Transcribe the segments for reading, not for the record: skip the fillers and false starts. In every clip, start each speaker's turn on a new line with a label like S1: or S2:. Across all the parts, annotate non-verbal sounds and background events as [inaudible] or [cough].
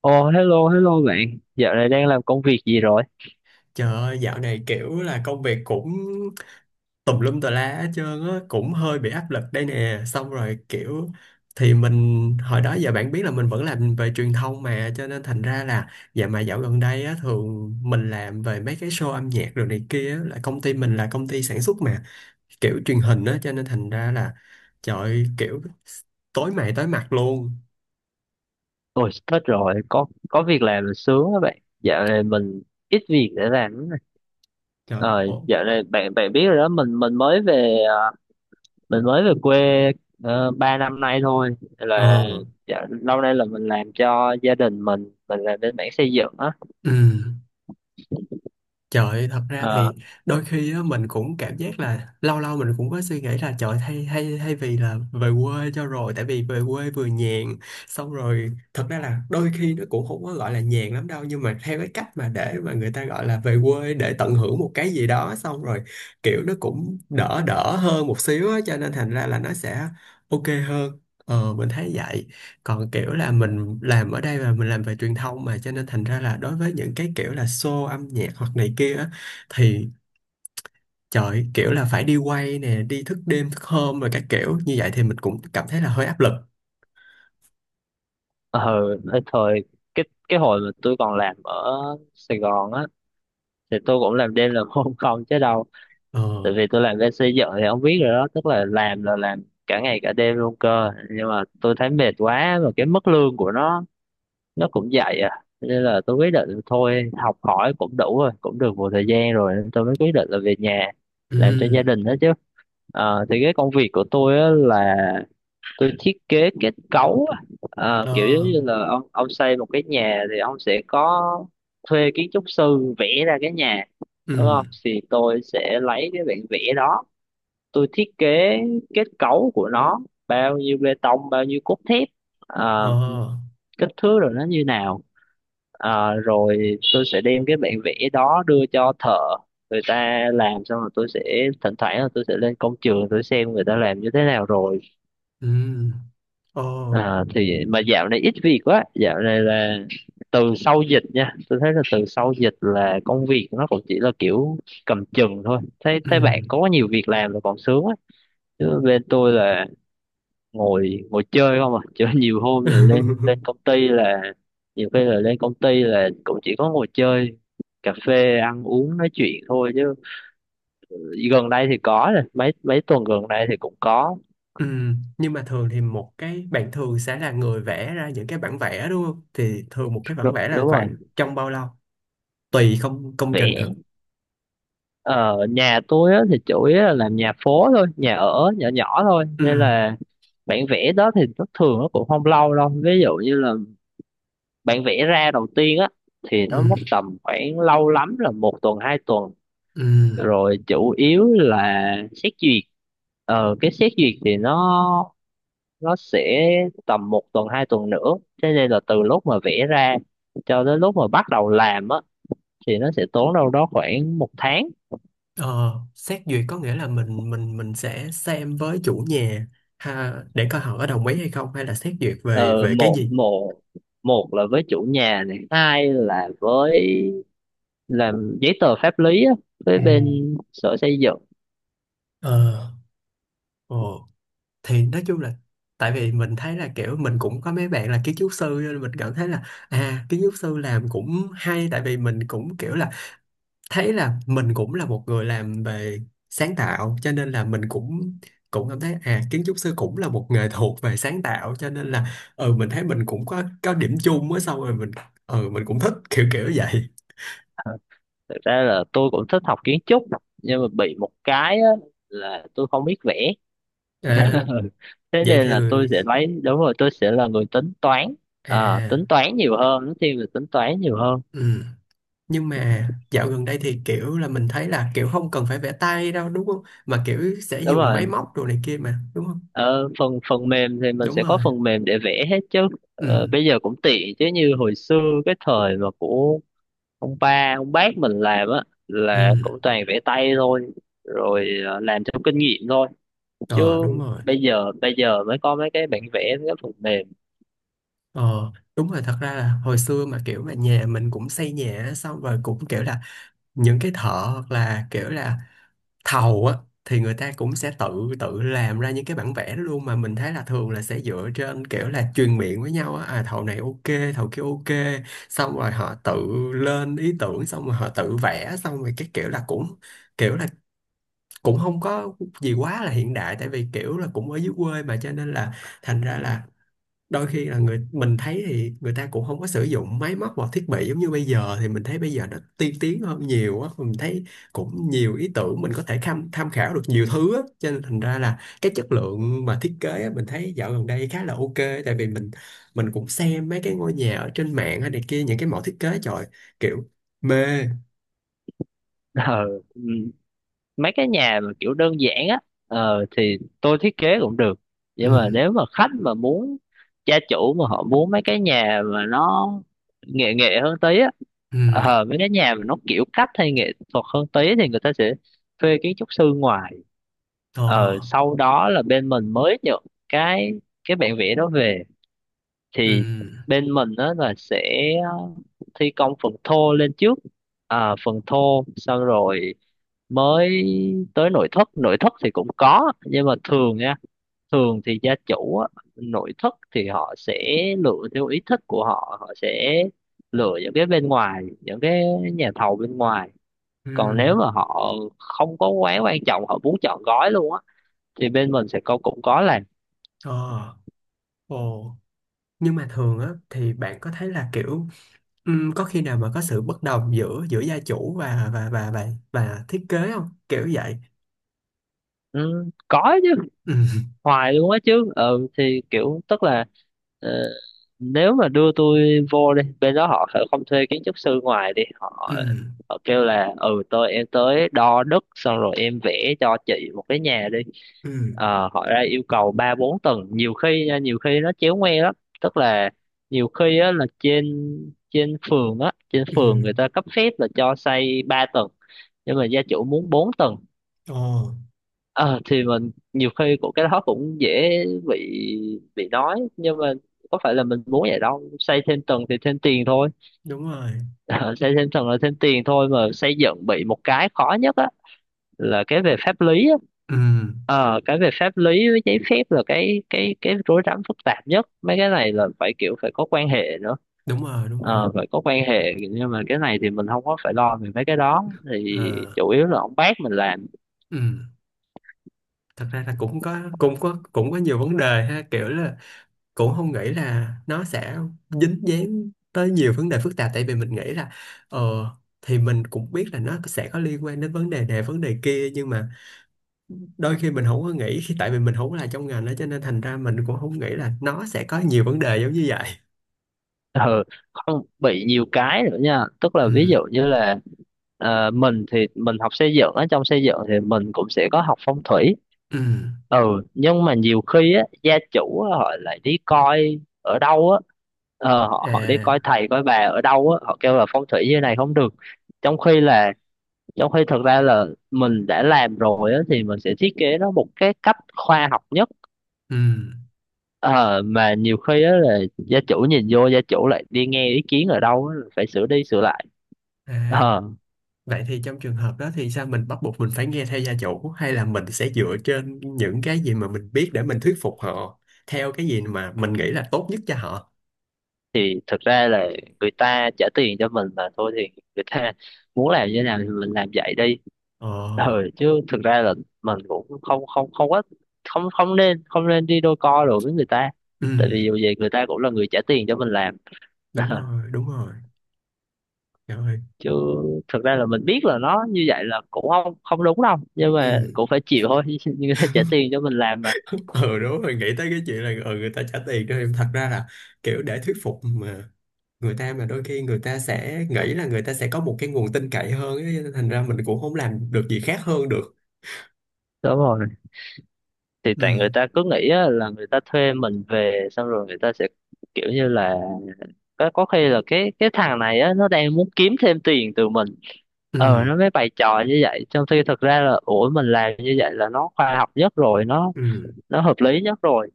S1: Ồ, hello, hello bạn. Dạo này đang làm công việc gì rồi?
S2: Trời ơi, dạo này kiểu là công việc cũng tùm lum tà lá hết trơn á, cũng hơi bị áp lực đây nè. Xong rồi kiểu thì mình hồi đó giờ bạn biết là mình vẫn làm về truyền thông mà, cho nên thành ra là dạ mà dạo gần đây á thường mình làm về mấy cái show âm nhạc rồi này kia á, là công ty mình là công ty sản xuất mà kiểu truyền hình á, cho nên thành ra là trời ơi, kiểu tối mày tối mặt luôn.
S1: Ôi, hết rồi, có việc làm là sướng á bạn. Dạo này mình ít việc để làm lắm nè.
S2: Trời.
S1: Ờ,
S2: Ồ.
S1: dạo này bạn bạn biết rồi đó, mình mới về mình mới về quê 3 năm nay thôi.
S2: Ờ.
S1: Là dạo, lâu nay là mình làm cho gia đình mình làm bên mảng xây dựng á.
S2: Ừ. Trời ơi, thật ra
S1: Ờ,
S2: thì đôi khi á, mình cũng cảm giác là lâu lâu mình cũng có suy nghĩ là trời, thay hay hay vì là về quê cho rồi, tại vì về quê vừa nhàn, xong rồi thật ra là đôi khi nó cũng không có gọi là nhàn lắm đâu, nhưng mà theo cái cách mà để mà người ta gọi là về quê để tận hưởng một cái gì đó, xong rồi kiểu nó cũng đỡ đỡ hơn một xíu á, cho nên thành ra là nó sẽ ok hơn. Ờ, mình thấy vậy, còn kiểu là mình làm ở đây và mình làm về truyền thông mà cho nên thành ra là đối với những cái kiểu là show âm nhạc hoặc này kia á, thì trời, kiểu là phải đi quay nè, đi thức đêm thức hôm rồi các kiểu như vậy thì mình cũng cảm thấy là hơi áp lực.
S1: ờ, Thời cái hồi mà tôi còn làm ở Sài Gòn á thì tôi cũng làm đêm làm hôm không chứ đâu, tại
S2: Ờ.
S1: vì tôi làm bên xây dựng thì ông biết rồi đó, tức là làm cả ngày cả đêm luôn cơ, nhưng mà tôi thấy mệt quá và cái mức lương của nó cũng vậy à, nên là tôi quyết định thôi, học hỏi cũng đủ rồi, cũng được một thời gian rồi nên tôi mới quyết định là về nhà làm cho gia
S2: Ừ.
S1: đình đó chứ. Ờ, thì cái công việc của tôi á là tôi thiết kế kết cấu á. Ờ, kiểu giống
S2: Ờ.
S1: như là ông xây một cái nhà thì ông sẽ có thuê kiến trúc sư vẽ ra cái nhà đúng
S2: Ừ.
S1: không, thì tôi sẽ lấy cái bản vẽ đó, tôi thiết kế kết cấu của nó, bao nhiêu bê tông bao nhiêu cốt thép, ờ,
S2: Ờ.
S1: kích thước rồi nó như nào. Ờ, rồi tôi sẽ đem cái bản vẽ đó đưa cho thợ, người ta làm xong rồi tôi sẽ thỉnh thoảng là tôi sẽ lên công trường tôi xem người ta làm như thế nào rồi.
S2: Ừ. Ờ.
S1: Ờ, thì mà dạo này ít việc quá, dạo này là từ sau dịch nha, tôi thấy là từ sau dịch là công việc nó cũng chỉ là kiểu cầm chừng thôi, thấy
S2: Ừ.
S1: thấy bạn có nhiều việc làm là còn sướng á, chứ bên tôi là ngồi ngồi chơi không à, chứ nhiều hôm là lên
S2: [laughs]
S1: lên công ty là nhiều khi là lên công ty là cũng chỉ có ngồi chơi, cà phê ăn uống nói chuyện thôi, chứ gần đây thì có rồi, mấy mấy tuần gần đây thì cũng có.
S2: Ừ, nhưng mà thường thì một cái bạn thường sẽ là người vẽ ra những cái bản vẽ đúng không, thì thường một cái bản
S1: Đúng,
S2: vẽ là
S1: đúng rồi.
S2: khoảng trong bao lâu, tùy không, công trình hả?
S1: Vẽ ở nhà tôi á, thì chủ yếu là làm nhà phố thôi, nhà ở nhỏ nhỏ thôi
S2: Ừ.
S1: nên là bản vẽ đó thì nó thường nó cũng không lâu đâu, ví dụ như là bản vẽ ra đầu tiên á thì nó mất
S2: Ừ,
S1: tầm khoảng lâu lắm là một tuần hai tuần,
S2: ừ.
S1: rồi chủ yếu là xét duyệt, ờ cái xét duyệt thì nó sẽ tầm một tuần hai tuần nữa, thế nên là từ lúc mà vẽ ra cho đến lúc mà bắt đầu làm á thì nó sẽ tốn đâu đó khoảng một tháng.
S2: Ờ, xét duyệt có nghĩa là mình sẽ xem với chủ nhà ha, để coi họ có đồng ý hay không, hay là xét duyệt về
S1: Ờ,
S2: về cái
S1: một
S2: gì.
S1: một một là với chủ nhà, này hai là với làm giấy tờ pháp lý á với
S2: À.
S1: bên sở xây dựng.
S2: Ờ. Ồ, thì nói chung là tại vì mình thấy là kiểu mình cũng có mấy bạn là kiến trúc sư nên mình cảm thấy là à, kiến trúc sư làm cũng hay, tại vì mình cũng kiểu là thấy là mình cũng là một người làm về sáng tạo cho nên là mình cũng cũng cảm thấy à, kiến trúc sư cũng là một nghề thuộc về sáng tạo cho nên là ừ, mình thấy mình cũng có điểm chung á, xong rồi mình ừ, mình cũng thích kiểu kiểu vậy.
S1: Ờ, thực ra là tôi cũng thích học kiến trúc, nhưng mà bị một cái á là tôi không biết vẽ.
S2: À,
S1: [laughs] Thế
S2: vậy
S1: nên
S2: thì
S1: là tôi sẽ lấy, đúng rồi, tôi sẽ là người tính toán. À,
S2: à.
S1: tính toán nhiều hơn, nó thiên về tính toán nhiều hơn.
S2: Ừ. Nhưng mà dạo gần đây thì kiểu là mình thấy là kiểu không cần phải vẽ tay đâu đúng không, mà kiểu sẽ
S1: Đúng
S2: dùng máy
S1: rồi,
S2: móc đồ này kia mà đúng không.
S1: ờ, phần phần mềm thì mình
S2: Đúng
S1: sẽ có
S2: rồi.
S1: phần mềm để vẽ hết chứ.
S2: Ừ.
S1: Ờ, bây giờ cũng tiện chứ như hồi xưa cái thời mà của ông ba ông bác mình làm á là
S2: Ừ.
S1: cũng toàn vẽ tay thôi, rồi ờ, làm theo kinh nghiệm thôi chứ
S2: Ờ, đúng rồi.
S1: bây giờ, bây giờ mới có mấy cái bản vẽ mấy cái phần mềm.
S2: Ờ, đúng rồi, thật ra là hồi xưa mà kiểu mà nhà mình cũng xây nhà á, xong rồi cũng kiểu là những cái thợ hoặc là kiểu là thầu á, thì người ta cũng sẽ tự tự làm ra những cái bản vẽ đó luôn, mà mình thấy là thường là sẽ dựa trên kiểu là truyền miệng với nhau á, à thầu này ok, thầu kia ok, xong rồi họ tự lên ý tưởng, xong rồi họ tự vẽ, xong rồi cái kiểu là cũng không có gì quá là hiện đại, tại vì kiểu là cũng ở dưới quê mà cho nên là thành ra là đôi khi là người mình thấy thì người ta cũng không có sử dụng máy móc hoặc thiết bị giống như bây giờ, thì mình thấy bây giờ nó tiên tiến hơn nhiều á, mình thấy cũng nhiều ý tưởng mình có thể tham tham khảo được nhiều thứ á, cho nên thành ra là cái chất lượng mà thiết kế á, mình thấy dạo gần đây khá là ok, tại vì mình cũng xem mấy cái ngôi nhà ở trên mạng hay này kia, những cái mẫu thiết kế, trời, kiểu mê.
S1: [laughs] Ờ, ừ. Mấy cái nhà mà kiểu đơn giản á, ờ, thì tôi thiết kế cũng được,
S2: Ừ.
S1: nhưng mà nếu mà khách mà muốn, gia chủ mà họ muốn mấy cái nhà mà nó nghệ nghệ hơn tí á,
S2: Ừ.
S1: ờ, mấy cái nhà mà nó kiểu cách hay nghệ thuật hơn tí thì người ta sẽ thuê kiến trúc sư ngoài,
S2: Ờ.
S1: ờ, sau đó là bên mình mới nhận cái cái bản vẽ đó về.
S2: Ừ.
S1: Thì bên mình đó là sẽ ờ, thi công phần thô lên trước, à, phần thô xong rồi mới tới nội thất. Nội thất thì cũng có nhưng mà thường nha, thường thì gia chủ á, nội thất thì họ sẽ lựa theo ý thích của họ, họ sẽ lựa những cái bên ngoài, những cái nhà thầu bên ngoài.
S2: Ừ.
S1: Còn nếu mà họ không có quá quan trọng, họ muốn chọn gói luôn á thì bên mình sẽ có, cũng có làm.
S2: Ờ. Ồ, nhưng mà thường á thì bạn có thấy là kiểu có khi nào mà có sự bất đồng giữa giữa gia chủ và thiết kế không, kiểu vậy.
S1: Ừ, có chứ,
S2: Ừ.
S1: hoài luôn á chứ. Ừ thì kiểu tức là ờ, nếu mà đưa tôi vô đi, bên đó họ sẽ không thuê kiến trúc sư ngoài đi,
S2: Ừ.
S1: họ họ kêu là ừ tôi, em tới đo đất xong rồi em vẽ cho chị một cái nhà đi.
S2: Ừ.
S1: Ờ, họ ra yêu cầu ba bốn tầng nhiều khi nha, nhiều khi nó chéo ngoe lắm, tức là nhiều khi á là trên, trên phường á, trên
S2: Ừ.
S1: phường người ta cấp phép là cho xây ba tầng, nhưng mà gia chủ muốn bốn tầng.
S2: Ồ.
S1: Ờ, thì mình nhiều khi cũng cái đó cũng dễ bị, bị nói, nhưng mà có phải là mình muốn vậy đâu, xây thêm tầng thì thêm tiền thôi.
S2: Đúng rồi.
S1: [laughs] Ờ, xây thêm tầng là thêm tiền thôi, mà xây dựng bị một cái khó nhất á là cái về pháp lý á.
S2: Ừ.
S1: Ờ, cái về pháp lý với giấy phép là cái rối rắm phức tạp nhất, mấy cái này là phải kiểu phải có quan hệ nữa.
S2: Đúng rồi, đúng rồi.
S1: Ờ, phải có quan hệ, nhưng mà cái này thì mình không có phải lo về mấy cái đó, thì
S2: Ờ.
S1: chủ yếu là ông bác mình làm.
S2: Ừ, thật ra là cũng có nhiều vấn đề ha, kiểu là cũng không nghĩ là nó sẽ dính dáng tới nhiều vấn đề phức tạp, tại vì mình nghĩ là ờ thì mình cũng biết là nó sẽ có liên quan đến vấn đề này vấn đề kia, nhưng mà đôi khi mình không có nghĩ khi, tại vì mình không có là trong ngành đó cho nên thành ra mình cũng không nghĩ là nó sẽ có nhiều vấn đề giống như vậy.
S1: Ừ, không bị nhiều cái nữa nha, tức
S2: Ừ.
S1: là ví dụ như là ờ, mình thì mình học xây dựng á, trong xây dựng thì mình cũng sẽ có học phong thủy.
S2: Ừ.
S1: Ừ, nhưng mà nhiều khi á gia chủ á, họ lại đi coi ở đâu á, ờ, họ họ đi coi
S2: À.
S1: thầy coi bà ở đâu á, họ kêu là phong thủy như này không được, trong khi là, trong khi thực ra là mình đã làm rồi á thì mình sẽ thiết kế nó một cái cách khoa học nhất.
S2: Ừ.
S1: Ờ, mà nhiều khi á là gia chủ nhìn vô, gia chủ lại đi nghe ý kiến ở đâu á, phải sửa đi sửa lại.
S2: À,
S1: Ờ,
S2: vậy thì trong trường hợp đó thì sao, mình bắt buộc mình phải nghe theo gia chủ hay là mình sẽ dựa trên những cái gì mà mình biết để mình thuyết phục họ theo cái gì mà mình nghĩ là tốt nhất cho họ.
S1: thì thực ra là người ta trả tiền cho mình mà thôi, thì người ta muốn làm như thế nào thì mình làm vậy đi.
S2: Ờ.
S1: Ờ, chứ thực ra là mình cũng không không không có, không không nên, không nên đi đôi co rồi với người ta,
S2: Ừ.
S1: tại vì dù gì người ta cũng là người trả tiền cho mình làm.
S2: Đúng
S1: [laughs]
S2: rồi, đúng rồi. Trời ơi.
S1: Chứ thực ra là mình biết là nó như vậy là cũng không không đúng đâu, nhưng mà
S2: Ừ.
S1: cũng phải chịu thôi. [laughs] Người ta trả tiền cho mình làm mà.
S2: [laughs] Ừ, đúng rồi, nghĩ tới cái chuyện là ừ, người ta trả tiền cho em, thật ra là kiểu để thuyết phục mà, người ta mà đôi khi người ta sẽ nghĩ là người ta sẽ có một cái nguồn tin cậy hơn ấy, cho nên thành ra mình cũng không làm được gì khác hơn được.
S1: Đúng rồi, thì
S2: Ừ.
S1: tại người ta cứ nghĩ á là người ta thuê mình về xong rồi người ta sẽ kiểu như là, có khi là cái thằng này á nó đang muốn kiếm thêm tiền từ mình,
S2: Ừ.
S1: ờ nó mới bày trò như vậy, trong khi thực ra là ủa mình làm như vậy là nó khoa học nhất rồi,
S2: Ừ.
S1: nó hợp lý nhất rồi.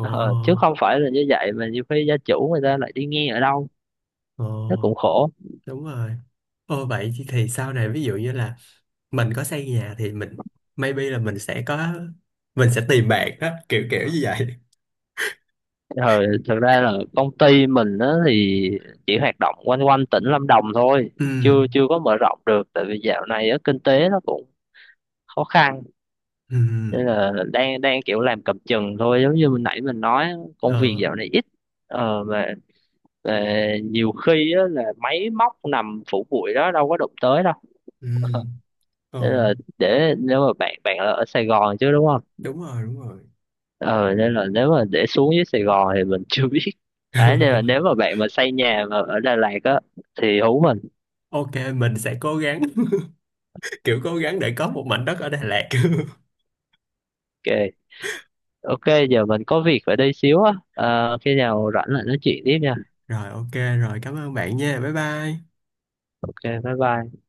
S1: Ờ, chứ không phải là như vậy, mà nhiều khi gia chủ người ta lại đi nghe ở đâu,
S2: Ồ,
S1: nó cũng khổ.
S2: đúng rồi. Ồ, vậy thì sau này ví dụ như là mình có xây nhà thì mình maybe là mình sẽ có, mình sẽ tìm bạn đó, kiểu kiểu như vậy.
S1: Ờ, thực ra là công ty mình á thì chỉ hoạt động quanh quanh tỉnh Lâm Đồng thôi,
S2: Ừ.
S1: chưa chưa có mở rộng được, tại vì dạo này á kinh tế nó cũng khó khăn,
S2: Ừ.
S1: nên là đang đang kiểu làm cầm chừng thôi, giống như mình nãy mình nói, công việc
S2: Ờ.
S1: dạo này ít. Ờ, mà nhiều khi á, là máy móc nằm phủ bụi đó đâu có đụng tới đâu. [laughs]
S2: Ừ. Ờ.
S1: Ờ, nên là để nếu mà bạn bạn là ở Sài Gòn chứ đúng không?
S2: Đúng rồi, đúng rồi.
S1: Ờ nên là nếu mà để xuống dưới Sài Gòn thì mình [laughs] chưa biết. À nên là nếu
S2: [laughs]
S1: mà bạn mà xây nhà mà ở Đà Lạt á thì hú mình.
S2: Ok, mình sẽ cố gắng, [laughs] kiểu cố gắng để có một mảnh đất ở Đà Lạt. [laughs]
S1: Ok. Ok giờ mình có việc phải đi xíu á. Ờ, khi nào rảnh lại nói chuyện tiếp nha.
S2: Rồi, ok, rồi, cảm ơn bạn nha, bye bye.
S1: Ok bye bye.